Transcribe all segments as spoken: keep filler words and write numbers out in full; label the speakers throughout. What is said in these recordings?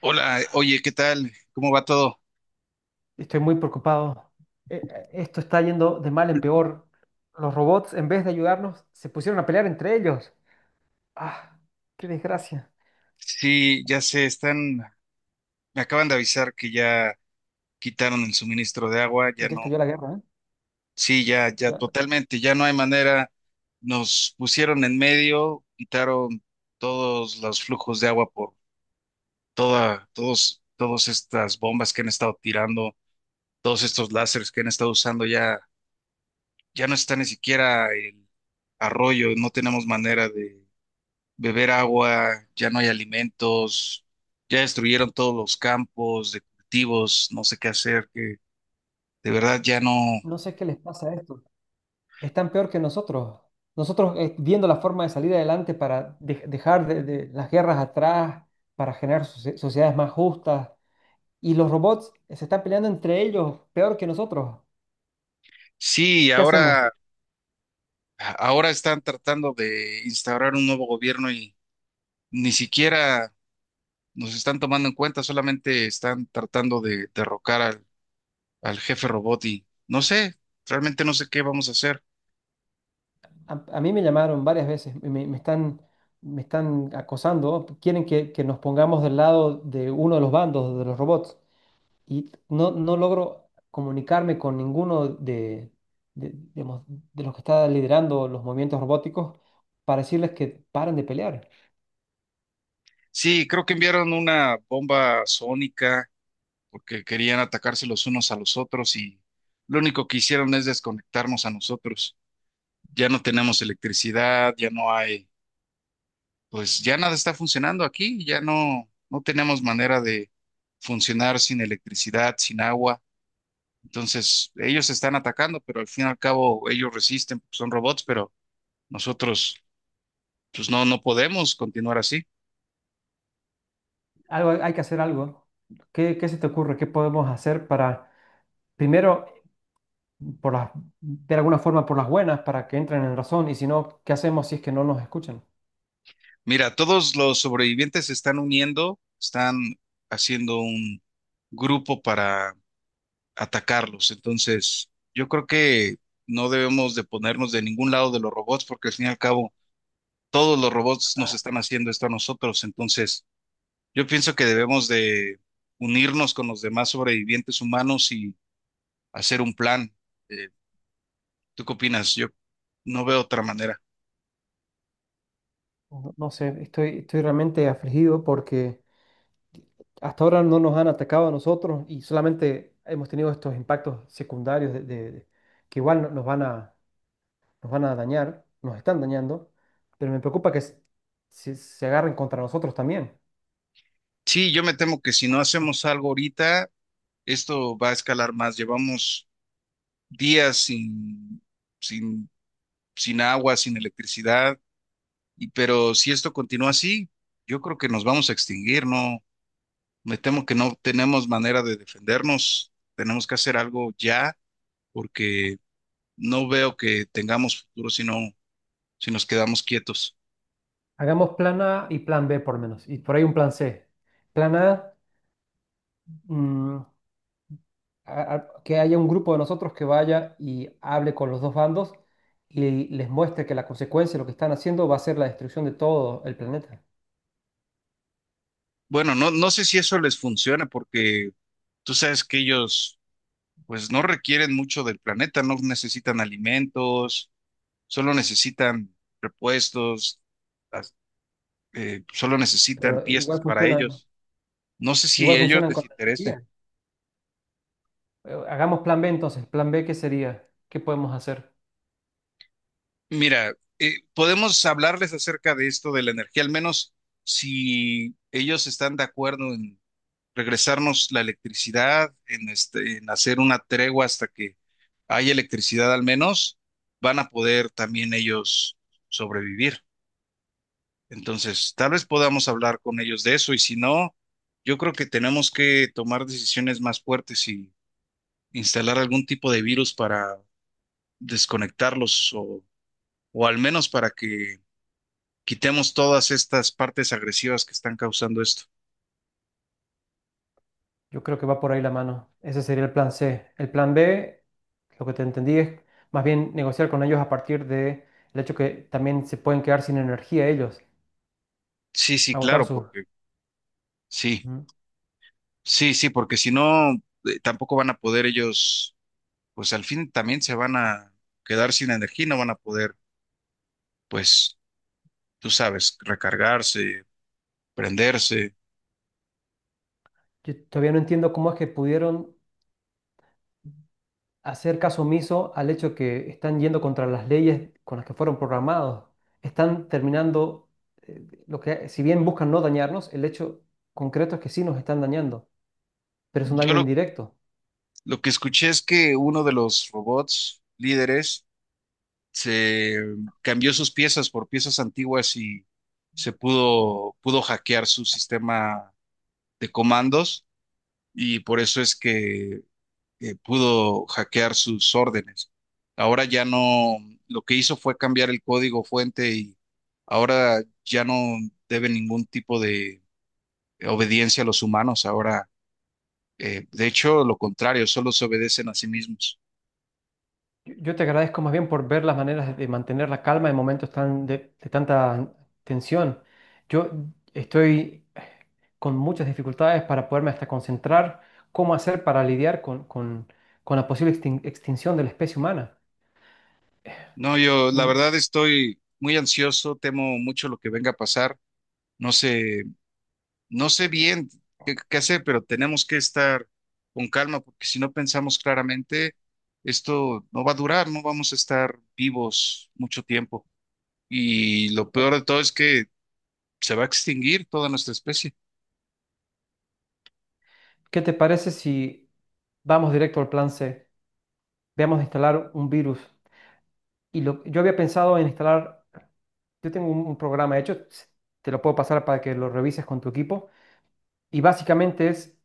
Speaker 1: Hola, oye, ¿qué tal? ¿Cómo va todo?
Speaker 2: Estoy muy preocupado. Eh, eh, Esto está yendo de mal en peor. Los robots, en vez de ayudarnos, se pusieron a pelear entre ellos. ¡Ah! ¡Qué desgracia!
Speaker 1: Sí, ya se están, me acaban de avisar que ya quitaron el suministro de agua, ya
Speaker 2: Ya estalló
Speaker 1: no,
Speaker 2: la guerra, ¿eh?
Speaker 1: sí, ya, ya
Speaker 2: Ya
Speaker 1: totalmente, ya no hay manera, nos pusieron en medio, quitaron todos los flujos de agua por toda, todos, todas estas bombas que han estado tirando, todos estos láseres que han estado usando, ya, ya no está ni siquiera el arroyo, no tenemos manera beber agua, ya no hay alimentos, ya destruyeron todos los campos de cultivos, no sé qué hacer, que de verdad ya no.
Speaker 2: no sé qué les pasa a esto. Están peor que nosotros. Nosotros eh, viendo la forma de salir adelante para de- dejar de, de las guerras atrás, para generar socie- sociedades más justas. Y los robots se están peleando entre ellos, peor que nosotros.
Speaker 1: Sí,
Speaker 2: ¿Qué hacemos?
Speaker 1: ahora, ahora están tratando de instaurar un nuevo gobierno y ni siquiera nos están tomando en cuenta, solamente están tratando de derrocar al, al jefe robot y no sé, realmente no sé qué vamos a hacer.
Speaker 2: A, a mí me llamaron varias veces, me, me están, me están acosando, quieren que, que nos pongamos del lado de uno de los bandos, de los robots, y no, no logro comunicarme con ninguno de, de, digamos, de los que está liderando los movimientos robóticos para decirles que paren de pelear.
Speaker 1: Sí, creo que enviaron una bomba sónica porque querían atacarse los unos a los otros y lo único que hicieron es desconectarnos a nosotros. Ya no tenemos electricidad, ya no hay, pues ya nada está funcionando aquí, ya no, no tenemos manera de funcionar sin electricidad, sin agua. Entonces, ellos se están atacando, pero al fin y al cabo ellos resisten, porque son robots, pero nosotros, pues no, no podemos continuar así.
Speaker 2: Algo, hay hay que hacer algo. ¿Qué, qué se te ocurre? ¿Qué podemos hacer para, primero, por las, de alguna forma por las buenas, para que entren en razón, y si no, ¿qué hacemos si es que no nos escuchan?
Speaker 1: Mira, todos los sobrevivientes se están uniendo, están haciendo un grupo para atacarlos. Entonces, yo creo que no debemos de ponernos de ningún lado de los robots porque al fin y al cabo todos los robots nos están haciendo esto a nosotros. Entonces, yo pienso que debemos de unirnos con los demás sobrevivientes humanos y hacer un plan. Eh, ¿Tú qué opinas? Yo no veo otra manera.
Speaker 2: No no sé, estoy, estoy realmente afligido porque hasta ahora no nos han atacado a nosotros y solamente hemos tenido estos impactos secundarios de, de- de- que igual no- nos van a, nos van a dañar, nos están dañando, pero me preocupa que s- se, se agarren contra nosotros también.
Speaker 1: Sí, yo me temo que si no hacemos algo ahorita, esto va a escalar más. Llevamos días sin, sin, sin agua, sin electricidad. Y- Pero si esto continúa así, yo creo que nos vamos a extinguir, ¿no? Me temo que no tenemos manera de defendernos. Tenemos que hacer algo ya porque no veo que tengamos futuro si no, si nos quedamos quietos.
Speaker 2: Hagamos plan A y plan B por lo menos, y por ahí un plan C. Plan A, mm, a- a- que haya un grupo de nosotros que vaya y hable con los dos bandos y les muestre que la consecuencia de lo que están haciendo va a ser la destrucción de todo el planeta.
Speaker 1: Bueno, no, no sé si eso les funciona porque tú sabes que ellos pues no requieren mucho del planeta, no necesitan alimentos, solo necesitan repuestos, as- eh, solo necesitan
Speaker 2: Pero igual
Speaker 1: piezas para
Speaker 2: funcionan,
Speaker 1: ellos. No sé si
Speaker 2: igual
Speaker 1: a ellos
Speaker 2: funcionan
Speaker 1: les
Speaker 2: con la
Speaker 1: interese.
Speaker 2: energía. Eh, Hagamos plan B entonces. Plan B, ¿qué sería? ¿Qué podemos hacer?
Speaker 1: Mira, eh, podemos hablarles acerca de esto de la energía, al menos si ellos están de acuerdo en regresarnos la electricidad, en, este, en hacer una tregua hasta que haya electricidad al menos, van a poder también ellos sobrevivir. Entonces, tal vez podamos hablar con ellos de eso y si no, yo creo que tenemos que tomar decisiones más fuertes y instalar algún tipo de virus para desconectarlos o, o al menos para que quitemos todas estas partes agresivas que están causando esto.
Speaker 2: Yo creo que va por ahí la mano. Ese sería el plan C. El plan B, lo que te entendí es más bien negociar con ellos a partir de el hecho que también se pueden quedar sin energía ellos,
Speaker 1: Sí, sí,
Speaker 2: agotar
Speaker 1: claro,
Speaker 2: sus.
Speaker 1: porque sí,
Speaker 2: Ujú.
Speaker 1: sí, sí, porque si no, eh, tampoco van a poder ellos, pues al fin también se van a quedar sin energía, y no van a poder, pues, tú sabes, recargarse, prenderse.
Speaker 2: Yo todavía no entiendo cómo es que pudieron hacer caso omiso al hecho que están yendo contra las leyes con las que fueron programados. Están terminando, eh, lo que, si bien buscan no dañarnos, el hecho concreto es que sí nos están dañando, pero es un
Speaker 1: Yo
Speaker 2: daño
Speaker 1: lo,
Speaker 2: indirecto.
Speaker 1: lo que escuché es que uno de los robots líderes se cambió sus piezas por piezas antiguas y se pudo, pudo hackear su sistema de comandos y por eso es que eh, pudo hackear sus órdenes. Ahora ya no, lo que hizo fue cambiar el código fuente y ahora ya no debe ningún tipo de obediencia a los humanos. Ahora, eh, de hecho, lo contrario, solo se obedecen a sí mismos.
Speaker 2: Yo yo te agradezco más bien por ver las maneras de mantener la calma en momentos tan de, de tanta tensión. Yo estoy con muchas dificultades para poderme hasta concentrar cómo hacer para lidiar con, con- con la posible extin- extinción de la especie humana.
Speaker 1: No, yo la
Speaker 2: Mm,
Speaker 1: verdad estoy muy ansioso, temo mucho lo que venga a pasar. No sé No sé bien qué, qué hacer, pero tenemos que estar con calma porque si no pensamos claramente, esto no va a durar, no vamos a estar vivos mucho tiempo. Y lo peor de todo es que se va a extinguir toda nuestra especie.
Speaker 2: ¿Qué te parece si vamos directo al plan C? Veamos de instalar un virus. Y lo, yo había pensado en instalar, yo tengo un, un programa hecho, te lo puedo pasar para que lo revises con tu equipo. Y básicamente es,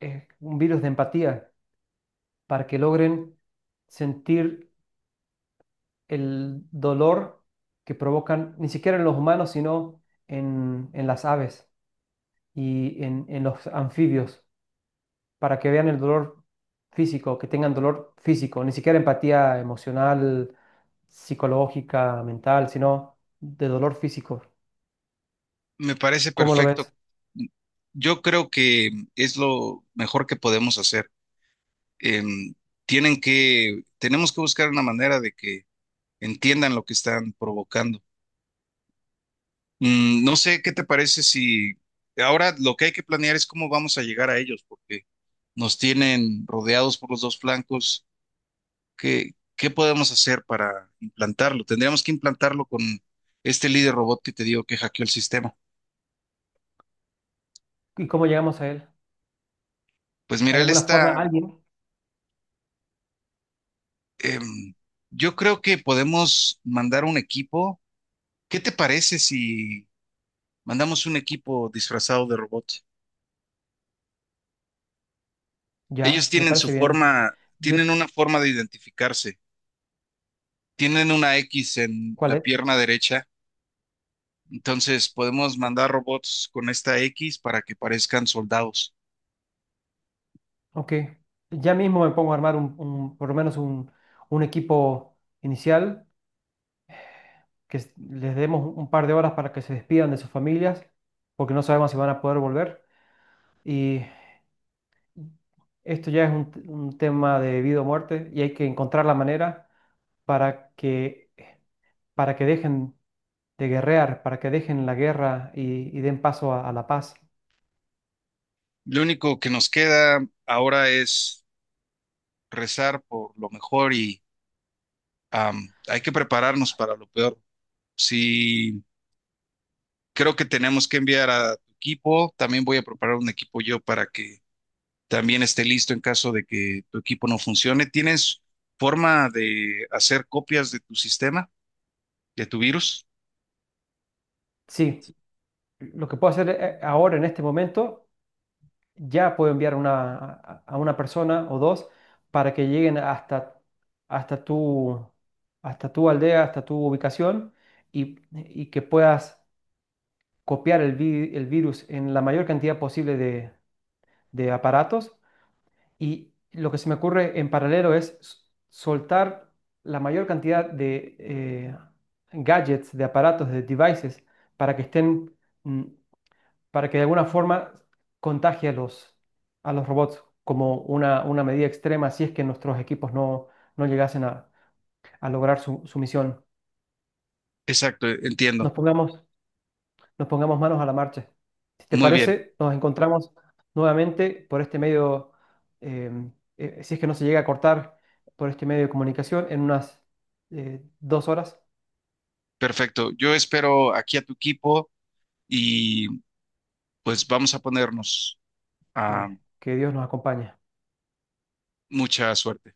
Speaker 2: eh, un virus de empatía para que logren sentir el dolor que provocan, ni siquiera en los humanos, sino en, en las aves y en, en los anfibios, para que vean el dolor físico, que tengan dolor físico, ni siquiera empatía emocional, psicológica, mental, sino de dolor físico.
Speaker 1: Me parece
Speaker 2: ¿Cómo lo
Speaker 1: perfecto.
Speaker 2: ves?
Speaker 1: Yo creo que es lo mejor que podemos hacer. Em, tienen que, tenemos que buscar una manera de que entiendan lo que están provocando. Mm, no sé qué te parece si ahora lo que hay que planear es cómo vamos a llegar a ellos, porque nos tienen rodeados por los dos flancos. ¿Qué, qué podemos hacer para implantarlo? Tendríamos que implantarlo con este líder robot que te digo que hackeó el sistema.
Speaker 2: ¿Y cómo llegamos a él?
Speaker 1: Pues mira,
Speaker 2: ¿Hay
Speaker 1: él
Speaker 2: alguna forma,
Speaker 1: está...
Speaker 2: alguien?
Speaker 1: em, yo creo que podemos mandar un equipo. ¿Qué te parece si mandamos un equipo disfrazado de robot? Ellos
Speaker 2: Ya, me
Speaker 1: tienen su
Speaker 2: parece bien.
Speaker 1: forma,
Speaker 2: Yo,
Speaker 1: tienen una forma de identificarse. Tienen una X en
Speaker 2: ¿cuál
Speaker 1: la
Speaker 2: es?
Speaker 1: pierna derecha, entonces podemos mandar robots con esta X para que parezcan soldados.
Speaker 2: Ok. Ya mismo me pongo a armar un, un- por lo menos un, un equipo inicial, que s- les demos un par de horas para que se despidan de sus familias, porque no sabemos si van a poder volver. Y esto ya es un, un tema de vida o muerte y hay que encontrar la manera para que, para que dejen de guerrear, para que dejen la guerra y, y den paso a, a la paz.
Speaker 1: Lo único que nos queda ahora es rezar por lo mejor y, am, hay que prepararnos para lo peor. Si creo que tenemos que enviar a tu equipo. También voy a preparar un equipo yo para que también esté listo en caso de que tu equipo no funcione. ¿Tienes forma de hacer copias de tu sistema, de tu virus?
Speaker 2: Sí, lo que puedo hacer eh, ahora en este momento, ya puedo enviar una, a a una persona o dos para que lleguen hasta, hasta tu, hasta tu aldea, hasta tu ubicación y, y que puedas copiar el, vi- el virus en la mayor cantidad posible de de aparatos. Y lo que se me ocurre en paralelo es s- soltar la mayor cantidad de eh, gadgets, de aparatos, de devices, para que estén, mm, para que de alguna forma contagie a los, a los robots como una, una medida extrema si es que nuestros equipos no, no llegasen a, a lograr su, su misión.
Speaker 1: Exacto, entiendo.
Speaker 2: Nos pongamos nos pongamos manos a la marcha. Si te
Speaker 1: Muy bien.
Speaker 2: parece, nos encontramos nuevamente por este medio, eh, eh, si es que no se llega a cortar por este medio de comunicación, en unas eh, dos horas.
Speaker 1: Perfecto. Yo espero aquí a tu equipo y pues vamos a ponernos a
Speaker 2: Eh, que Dios nos acompañe.
Speaker 1: mucha suerte.